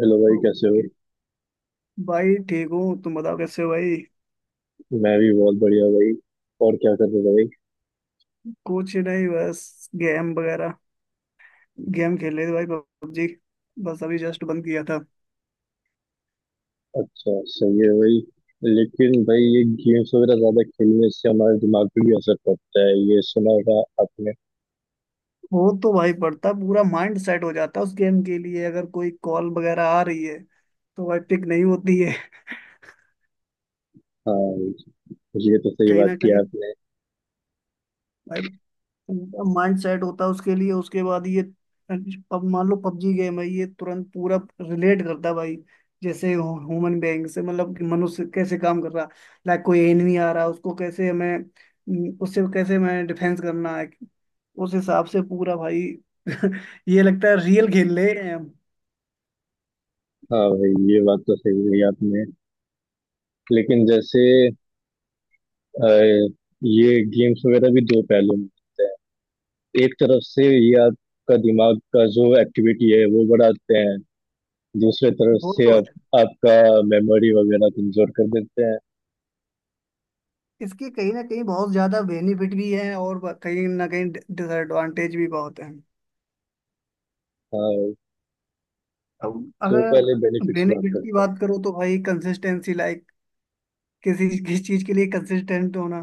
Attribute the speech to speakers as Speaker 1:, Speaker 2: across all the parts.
Speaker 1: Hello भाई, कैसे हो।
Speaker 2: ओके। भाई ठीक हूँ, तुम बताओ कैसे हो भाई।
Speaker 1: मैं भी बहुत बढ़िया भाई। और क्या कर रहे हो भाई।
Speaker 2: कुछ नहीं, बस गेम वगैरह। गेम खेल रहे थे भाई, पबजी। बस अभी जस्ट बंद किया था।
Speaker 1: अच्छा, सही है भाई। लेकिन भाई, ये गेम्स वगैरह ज्यादा खेलने से हमारे दिमाग पे भी असर पड़ता है, ये सुना होगा आपने।
Speaker 2: वो तो भाई पड़ता, पूरा माइंड सेट हो जाता है उस गेम के लिए। अगर कोई कॉल वगैरह आ रही है तो भाई पिक नहीं होती है।
Speaker 1: हाँ, ये तो सही
Speaker 2: कहीं ना
Speaker 1: बात की
Speaker 2: कहीं
Speaker 1: आपने।
Speaker 2: भाई माइंड सेट होता है उसके लिए, उसके बाद ये अब मान लो पबजी गेम है, ये तुरंत पूरा रिलेट करता है भाई, जैसे ह्यूमन बेइंग से, मतलब कि मनुष्य कैसे काम कर रहा है। लाइक कोई एनिमी आ रहा है, उसको कैसे हमें उससे कैसे हमें डिफेंस करना है। उस हिसाब से पूरा भाई ये लगता है रियल खेल ले रहे हैं हम।
Speaker 1: हाँ भाई, ये बात तो सही कही आपने। लेकिन जैसे अ, ये गेम्स वगैरह भी दो पहलू में होते हैं। एक तरफ से ये आपका दिमाग का जो एक्टिविटी है वो बढ़ाते हैं, दूसरे तरफ
Speaker 2: वो
Speaker 1: से
Speaker 2: तो है।
Speaker 1: आपका मेमोरी वगैरह कमजोर कर देते हैं।
Speaker 2: इसके कहीं ना कहीं बहुत ज्यादा बेनिफिट भी हैं, और कहीं ना कहीं डिसएडवांटेज भी बहुत हैं।
Speaker 1: हाँ भाई,
Speaker 2: अब
Speaker 1: तो पहले
Speaker 2: अगर
Speaker 1: बेनिफिट्स बात
Speaker 2: बेनिफिट की
Speaker 1: करते हैं।
Speaker 2: बात करो तो भाई कंसिस्टेंसी, लाइक किस चीज के लिए कंसिस्टेंट होना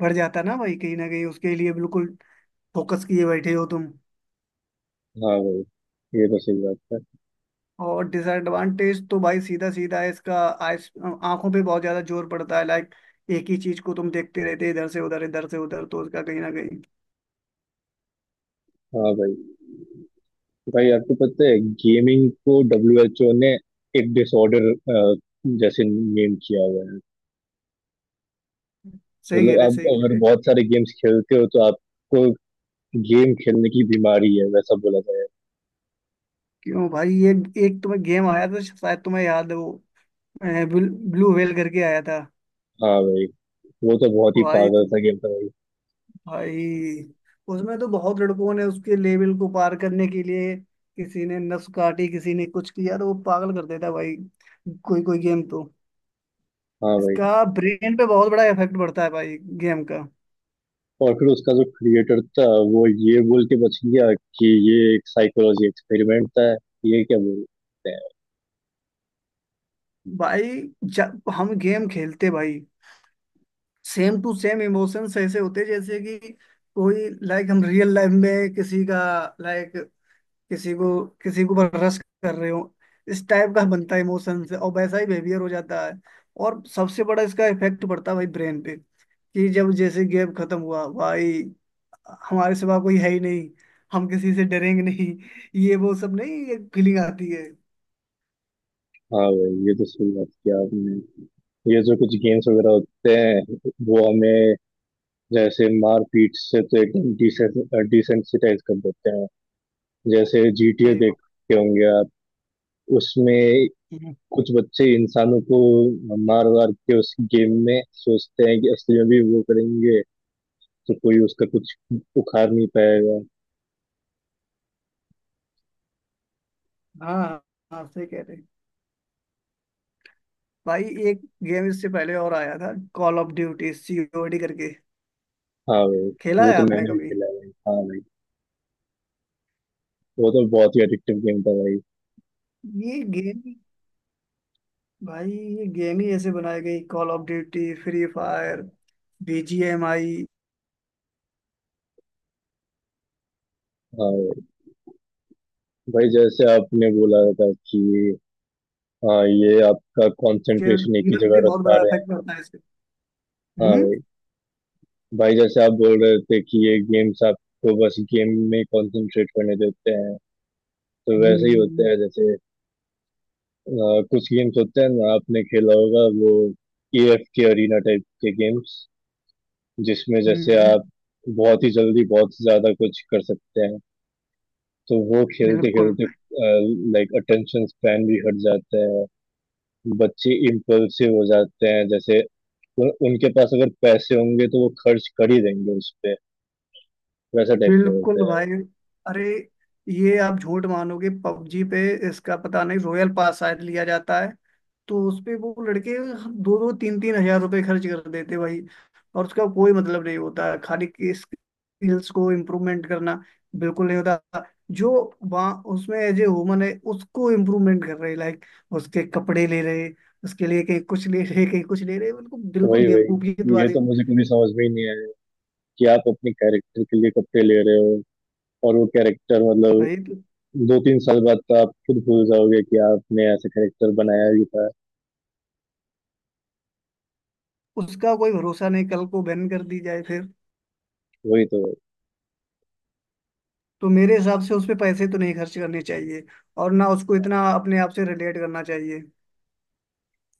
Speaker 2: बढ़ जाता है ना भाई, कहीं ना कहीं उसके लिए बिल्कुल फोकस किए बैठे हो तुम।
Speaker 1: हाँ भाई, ये तो सही बात है।
Speaker 2: और डिसएडवांटेज तो भाई सीधा सीधा है इसका। आइस आंखों पे बहुत ज्यादा जोर पड़ता है, लाइक एक ही चीज को तुम देखते रहते हो, इधर से उधर, इधर से उधर, तो उसका कहीं ना कहीं।
Speaker 1: हाँ भाई, भाई आपको पता है गेमिंग को डब्ल्यू एच ओ ने एक डिसऑर्डर जैसे नेम किया हुआ है।
Speaker 2: सही कह
Speaker 1: मतलब
Speaker 2: रहे,
Speaker 1: आप
Speaker 2: सही कह
Speaker 1: अगर
Speaker 2: रहे।
Speaker 1: बहुत सारे गेम्स खेलते हो तो आपको गेम खेलने की बीमारी है, वैसा बोला जाए।
Speaker 2: क्यों भाई, ये एक तुम्हें गेम आया था शायद, तुम्हें याद है वो? ब्लू व्हेल करके आया था।
Speaker 1: हाँ भाई, वो तो बहुत ही
Speaker 2: भाई,
Speaker 1: पागल सा गेम था भाई।
Speaker 2: भाई, उसमें तो बहुत लड़कों ने उसके लेवल को पार करने के लिए किसी ने नस काटी, किसी ने कुछ किया, तो वो पागल कर देता है भाई। कोई कोई गेम तो
Speaker 1: हाँ भाई,
Speaker 2: इसका ब्रेन पे बहुत बड़ा इफेक्ट पड़ता है भाई, गेम का।
Speaker 1: और फिर उसका जो क्रिएटर था वो ये बोल के बच गया कि ये एक साइकोलॉजी एक्सपेरिमेंट था। ये क्या बोल।
Speaker 2: भाई जब हम गेम खेलते भाई, सेम टू सेम इमोशंस ऐसे होते जैसे कि कोई, लाइक, हम रियल लाइफ में किसी का, लाइक, किसी को किसी के ऊपर रश कर रहे हो, इस टाइप का बनता है इमोशन, से और वैसा ही बिहेवियर हो जाता है। और सबसे बड़ा इसका इफेक्ट पड़ता है भाई ब्रेन पे, कि जब जैसे गेम खत्म हुआ भाई, हमारे सिवा कोई है ही नहीं, हम किसी से डरेंगे नहीं, ये वो सब नहीं, एक फीलिंग आती है।
Speaker 1: हाँ भाई, ये तो सही बात किया आपने। ये जो कुछ गेम्स वगैरह होते हैं वो हमें जैसे मारपीट से तो एकदम डिसेंसिटाइज कर देते हैं। जैसे जीटीए
Speaker 2: सही बात।
Speaker 1: देखते होंगे आप, उसमें
Speaker 2: हम्म।
Speaker 1: कुछ बच्चे इंसानों को मार वार के उस गेम में सोचते हैं कि असली में भी वो करेंगे तो कोई उसका कुछ उखाड़ नहीं पाएगा।
Speaker 2: हाँ, हाँ, सही कह रहे हैं भाई। एक गेम इससे पहले और आया था, कॉल ऑफ ड्यूटी, सीओडी करके।
Speaker 1: हाँ भाई,
Speaker 2: खेला
Speaker 1: वो
Speaker 2: है
Speaker 1: तो
Speaker 2: आपने
Speaker 1: मैंने भी
Speaker 2: कभी?
Speaker 1: खेला है भाई। हाँ भाई, वो तो बहुत ही एडिक्टिव गेम था भाई।
Speaker 2: ये गेम, भाई ये गेम ही ऐसे बनाई गई, call of duty, free fire, BGMI,
Speaker 1: हाँ भाई, भाई जैसे आपने बोला था कि हाँ, ये आपका
Speaker 2: के
Speaker 1: कंसंट्रेशन एक ही
Speaker 2: जीवन पे
Speaker 1: जगह रख
Speaker 2: बहुत
Speaker 1: पा
Speaker 2: बड़ा
Speaker 1: रहे हैं।
Speaker 2: इफेक्ट पड़ता है इससे।
Speaker 1: हाँ
Speaker 2: हम्म।
Speaker 1: भाई, भाई जैसे आप बोल रहे थे कि ये गेम्स आपको बस गेम में कंसंट्रेट करने देते हैं तो
Speaker 2: हम्म।
Speaker 1: वैसे ही होते
Speaker 2: हम्म।
Speaker 1: हैं जैसे अ, कुछ गेम्स होते हैं ना, आपने खेला होगा वो एएफ के अरीना टाइप के गेम्स, जिसमें जैसे
Speaker 2: हम्म।
Speaker 1: आप बहुत ही जल्दी बहुत ज्यादा कुछ कर सकते हैं। तो वो खेलते
Speaker 2: बिल्कुल,
Speaker 1: खेलते लाइक अटेंशन स्पैन भी हट जाता है, बच्चे इम्पल्सिव हो जाते हैं। जैसे उनके पास अगर पैसे होंगे तो वो खर्च कर ही देंगे उस पे, वैसा टाइप का होता
Speaker 2: बिल्कुल
Speaker 1: है।
Speaker 2: भाई। अरे, ये आप झूठ मानोगे, पबजी पे, इसका पता नहीं, रॉयल पास शायद लिया जाता है, तो उस पे वो लड़के दो दो तीन तीन हजार रुपए खर्च कर देते भाई। और उसका कोई मतलब नहीं होता, खाली की स्किल्स को इम्प्रूवमेंट करना बिल्कुल नहीं होता। जो वहाँ उसमें एज ए वुमन है उसको इम्प्रूवमेंट कर रहे, लाइक उसके कपड़े ले रहे, उसके लिए कहीं कुछ ले रहे, कहीं कुछ ले रहे, उनको बिल्कुल
Speaker 1: वही
Speaker 2: बेवकूफियत
Speaker 1: वही, ये
Speaker 2: वाली।
Speaker 1: तो मुझे कभी समझ में ही नहीं आया कि आप अपने कैरेक्टर के लिए कपड़े ले रहे हो और वो कैरेक्टर मतलब
Speaker 2: भाई तो
Speaker 1: 2 3 साल बाद तो आप खुद भूल जाओगे कि आपने ऐसा कैरेक्टर बनाया भी था।
Speaker 2: उसका कोई भरोसा नहीं, कल को बैन कर दी जाए फिर।
Speaker 1: वही तो।
Speaker 2: तो मेरे हिसाब से उस पे पैसे तो नहीं खर्च करने चाहिए, और ना उसको इतना अपने आप से रिलेट करना चाहिए।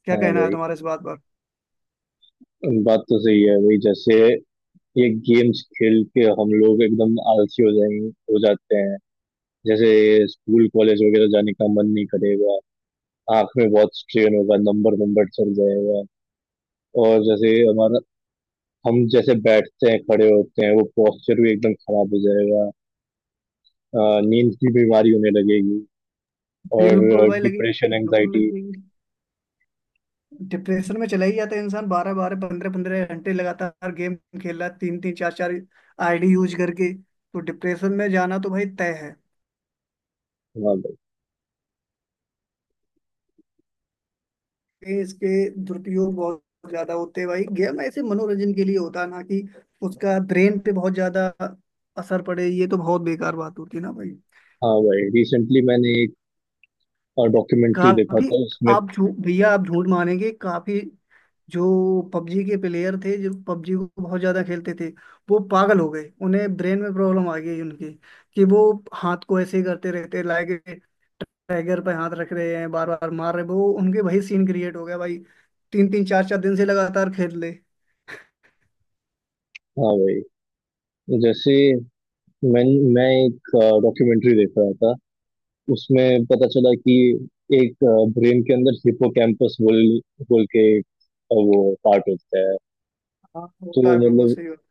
Speaker 2: क्या
Speaker 1: हाँ
Speaker 2: कहना है
Speaker 1: भाई,
Speaker 2: तुम्हारा इस बात पर?
Speaker 1: बात तो सही है। वही जैसे ये गेम्स खेल के हम लोग एकदम आलसी हो जाएंगे, हो जाते हैं। जैसे स्कूल कॉलेज वगैरह जाने का मन नहीं करेगा, आंख में बहुत स्ट्रेन होगा, नंबर नंबर चल जाएगा। और जैसे हमारा, हम जैसे बैठते हैं खड़े होते हैं वो पोस्चर भी एकदम खराब हो जाएगा। नींद की बीमारी होने लगेगी और
Speaker 2: बिल्कुल भाई लगेगी।
Speaker 1: डिप्रेशन
Speaker 2: बिल्कुल
Speaker 1: एंजाइटी।
Speaker 2: लगेगी। डिप्रेशन में चला ही जाता है इंसान, बारह बारह पंद्रह पंद्रह घंटे लगातार गेम खेल रहा है, तीन तीन चार चार आईडी यूज करके, तो डिप्रेशन में जाना तो भाई तय है।
Speaker 1: हाँ भाई।
Speaker 2: ये इसके दुरुपयोग बहुत ज्यादा होते हैं भाई, गेम ऐसे मनोरंजन के लिए होता है, ना कि उसका ब्रेन पे बहुत ज्यादा असर पड़े, ये तो बहुत बेकार बात होती है ना भाई।
Speaker 1: हाँ भाई, रिसेंटली मैंने एक डॉक्यूमेंट्री देखा
Speaker 2: काफी,
Speaker 1: था उसमें।
Speaker 2: आप झूठ भैया आप झूठ मानेंगे काफी, जो पबजी के प्लेयर थे, जो पबजी को बहुत ज्यादा खेलते थे, वो पागल हो गए, उन्हें ब्रेन में प्रॉब्लम आ गई उनकी, कि वो हाथ को ऐसे ही करते रहते, लाइक टाइगर पे हाथ रख रहे हैं, बार बार मार रहे हैं। वो उनके वही सीन क्रिएट हो गया भाई, तीन तीन चार चार दिन से लगातार खेल ले।
Speaker 1: हाँ भाई, जैसे मैं मैं एक डॉक्यूमेंट्री देख रहा था, उसमें पता चला कि एक ब्रेन के अंदर हिपोकैम्पस बोल बोल के एक, वो पार्ट होता है।
Speaker 2: हाँ
Speaker 1: तो
Speaker 2: होता है, बिल्कुल
Speaker 1: मतलब
Speaker 2: सही बात।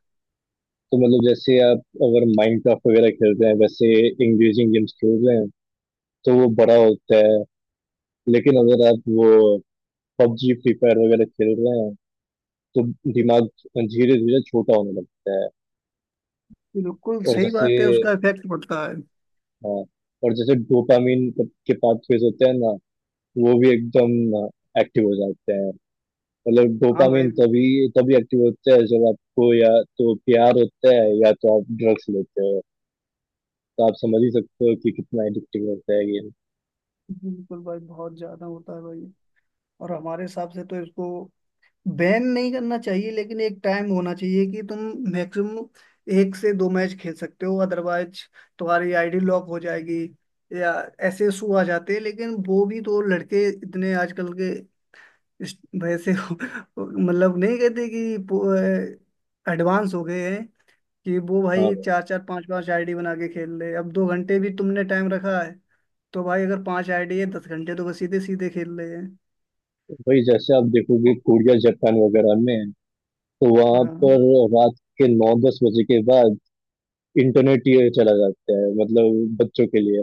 Speaker 1: तो मतलब जैसे आप अगर माइनक्राफ्ट वगैरह खेलते हैं, वैसे इंगेजिंग गेम्स खेल रहे हैं तो वो बड़ा होता है। लेकिन अगर आप वो पबजी फ्री फायर वगैरह खेल रहे हैं तो दिमाग धीरे धीरे छोटा होने लगता है।
Speaker 2: बिल्कुल
Speaker 1: और
Speaker 2: सही
Speaker 1: जैसे,
Speaker 2: बात है, उसका इफेक्ट पड़ता है।
Speaker 1: हाँ, और जैसे डोपामिन के पाथवेज होते हैं ना, वो भी एकदम एक्टिव हो जाते हैं। मतलब
Speaker 2: हाँ भाई
Speaker 1: डोपामिन तभी तभी एक्टिव होता है जब आपको या तो प्यार होता है या तो आप ड्रग्स लेते हो। तो आप समझ ही सकते हो कि कितना एडिक्टिव होता है गेम।
Speaker 2: बिल्कुल भाई, बहुत ज्यादा होता है भाई। और हमारे हिसाब से तो इसको बैन नहीं करना चाहिए, लेकिन एक टाइम होना चाहिए कि तुम मैक्सिमम एक से दो मैच खेल सकते हो, अदरवाइज तुम्हारी आईडी लॉक हो जाएगी, या ऐसे इशू आ जाते हैं। लेकिन वो भी तो लड़के इतने आजकल के इस वैसे मतलब, नहीं कहते कि एडवांस हो गए हैं, कि वो भाई
Speaker 1: हाँ
Speaker 2: चार चार पांच पांच आईडी बना के खेल ले। अब 2 घंटे भी तुमने टाइम रखा है, तो भाई अगर पांच आईडी है, 10 घंटे तो वो सीधे सीधे खेल रहे हैं।
Speaker 1: भाई, जैसे आप देखोगे कोरिया जापान वगैरह में तो वहां
Speaker 2: हाँ,
Speaker 1: पर रात के 9 10 बजे के बाद इंटरनेट ये चला जाता है, मतलब बच्चों के लिए।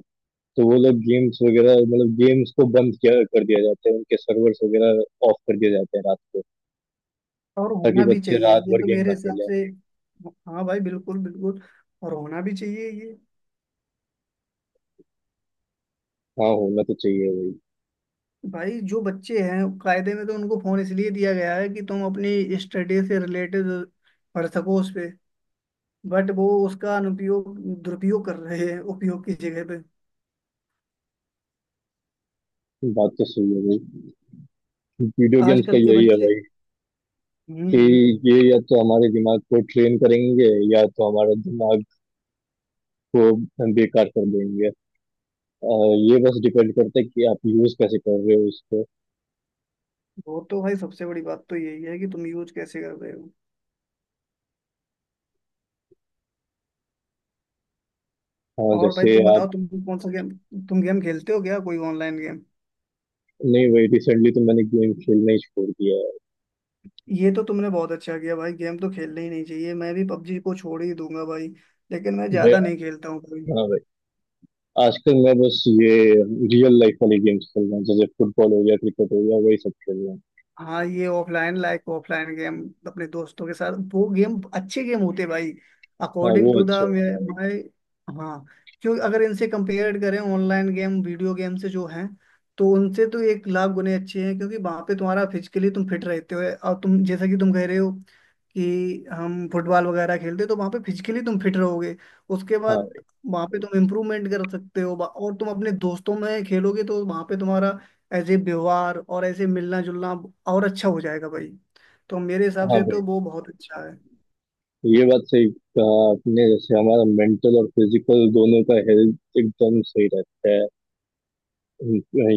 Speaker 1: तो वो लोग गेम्स वगैरह, मतलब गेम्स को बंद किया, कर दिया जाता है, उनके सर्वर्स वगैरह ऑफ कर दिए जाते हैं रात को,
Speaker 2: और
Speaker 1: ताकि
Speaker 2: होना भी
Speaker 1: बच्चे
Speaker 2: चाहिए
Speaker 1: रात
Speaker 2: ये,
Speaker 1: भर
Speaker 2: तो
Speaker 1: गेम
Speaker 2: मेरे
Speaker 1: ना
Speaker 2: हिसाब
Speaker 1: खेले।
Speaker 2: से। हाँ भाई, बिल्कुल बिल्कुल, और होना भी चाहिए ये।
Speaker 1: हाँ, होना तो चाहिए भाई।
Speaker 2: भाई जो बच्चे हैं कायदे में, तो उनको फोन इसलिए दिया गया है कि तुम अपनी स्टडी से रिलेटेड पढ़ सको उस पे, बट वो उसका अनुपयोग, दुरुपयोग कर रहे हैं उपयोग की जगह पे।
Speaker 1: बात तो सही है भाई। वीडियो गेम्स का
Speaker 2: आजकल के
Speaker 1: यही है
Speaker 2: बच्चे।
Speaker 1: भाई,
Speaker 2: हम्म।
Speaker 1: कि
Speaker 2: हम्म।
Speaker 1: ये या तो हमारे दिमाग को ट्रेन करेंगे या तो हमारा दिमाग को बेकार कर देंगे। अ, ये बस डिपेंड करता है कि आप यूज कैसे कर रहे हो उसको।
Speaker 2: वो तो भाई सबसे बड़ी बात तो यही है कि तुम यूज कैसे कर रहे हो।
Speaker 1: हाँ,
Speaker 2: और भाई
Speaker 1: जैसे
Speaker 2: तुम
Speaker 1: आप।
Speaker 2: बताओ, तुम कौन सा गेम, तुम गेम खेलते हो क्या, कोई ऑनलाइन गेम?
Speaker 1: नहीं भाई, रिसेंटली तो मैंने गेम खेलना ही छोड़ दिया है
Speaker 2: ये तो तुमने बहुत अच्छा किया भाई, गेम तो खेलना ही नहीं चाहिए। मैं भी पबजी को छोड़ ही दूंगा भाई, लेकिन मैं
Speaker 1: भाई।
Speaker 2: ज्यादा नहीं खेलता हूँ भाई।
Speaker 1: हाँ भाई, आजकल मैं बस ये रियल लाइफ वाले गेम्स खेल रहा हूँ, जैसे फुटबॉल हो गया, क्रिकेट हो गया, वही सब खेल रहा हूँ।
Speaker 2: हाँ, ये ऑफलाइन, लाइक ऑफलाइन गेम अपने दोस्तों के साथ, वो गेम अच्छे गेम होते भाई,
Speaker 1: हाँ,
Speaker 2: अकॉर्डिंग
Speaker 1: वो
Speaker 2: टू द
Speaker 1: अच्छा होता
Speaker 2: माय। हाँ। क्योंकि अगर इनसे कंपेयर करें ऑनलाइन गेम, वीडियो गेम से जो हैं, तो उनसे तो एक लाख गुने अच्छे हैं, क्योंकि वहाँ पे तुम्हारा फिजिकली तुम फिट रहते हो। और तुम, जैसा कि तुम कह रहे हो, कि हम फुटबॉल वगैरह खेलते हैं, तो वहाँ पे फिजिकली तुम फिट रहोगे। उसके
Speaker 1: है। हाँ।
Speaker 2: बाद वहाँ पे तुम इम्प्रूवमेंट कर सकते हो, और तुम अपने दोस्तों में खेलोगे तो वहाँ पे तुम्हारा ऐसे व्यवहार और ऐसे मिलना जुलना और अच्छा हो जाएगा भाई। तो मेरे हिसाब
Speaker 1: हाँ
Speaker 2: से
Speaker 1: भाई,
Speaker 2: तो वो बहुत अच्छा है।
Speaker 1: ये बात सही कहा आपने, जैसे हमारा मेंटल और फिजिकल दोनों का हेल्थ एकदम सही रहता है।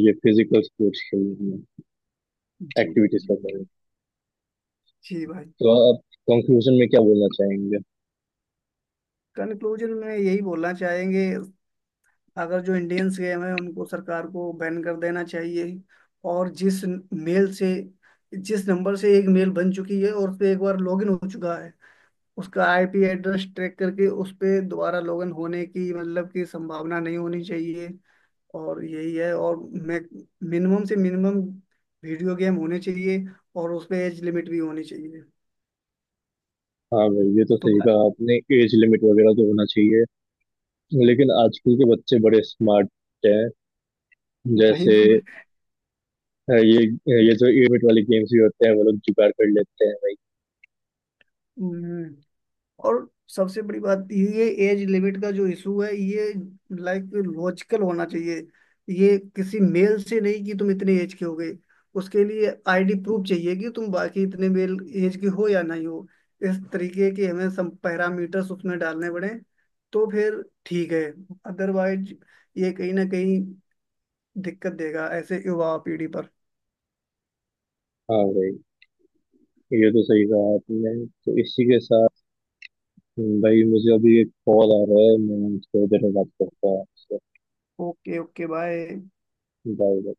Speaker 1: ये फिजिकल स्पोर्ट्स खेलने में,
Speaker 2: जी।
Speaker 1: एक्टिविटीज
Speaker 2: जी
Speaker 1: करने में।
Speaker 2: भाई। जी भाई।
Speaker 1: तो आप कंक्लूजन में क्या बोलना चाहेंगे।
Speaker 2: कंक्लूजन में यही बोलना चाहेंगे, अगर जो इंडियंस गेम है उनको सरकार को बैन कर देना चाहिए। और जिस मेल से, जिस नंबर से एक मेल बन चुकी है और उस पर एक बार लॉगिन हो चुका है, उसका आईपी एड्रेस ट्रैक करके उस पे दोबारा लॉगिन होने की, मतलब की, संभावना नहीं होनी चाहिए। और यही है। और मैं, मिनिमम से मिनिमम वीडियो गेम होने चाहिए, और उसमें एज लिमिट भी होनी चाहिए।
Speaker 1: हाँ भाई, ये तो
Speaker 2: तुम,
Speaker 1: सही कहा आपने, एज लिमिट वगैरह तो होना चाहिए। लेकिन
Speaker 2: हम्म,
Speaker 1: आजकल के बच्चे बड़े स्मार्ट हैं।
Speaker 2: भाई
Speaker 1: जैसे
Speaker 2: तुम,
Speaker 1: ये ये जो एज लिमिट वाले गेम्स भी होते हैं वो लोग जुगाड़ कर लेते हैं भाई।
Speaker 2: हम्म, और सबसे बड़ी बात ये एज लिमिट का जो इशू है, ये लाइक लॉजिकल होना चाहिए। ये किसी मेल से नहीं कि तुम इतने एज के हो गए, उसके लिए आईडी प्रूफ चाहिए कि तुम बाकी इतने मेल एज के हो या नहीं हो। इस तरीके के हमें सब पैरामीटर्स उसमें डालने पड़े, तो फिर ठीक है। अदरवाइज ये कहीं ना कहीं दिक्कत देगा ऐसे युवा पीढ़ी पर।
Speaker 1: हाँ भाई, ये तो सही कहा आपने। तो इसी के साथ भाई, मुझे अभी एक कॉल आ रहा है, मैं थोड़ी देर में बात करता हूँ आपसे।
Speaker 2: ओके। ओके। बाय।
Speaker 1: बाय।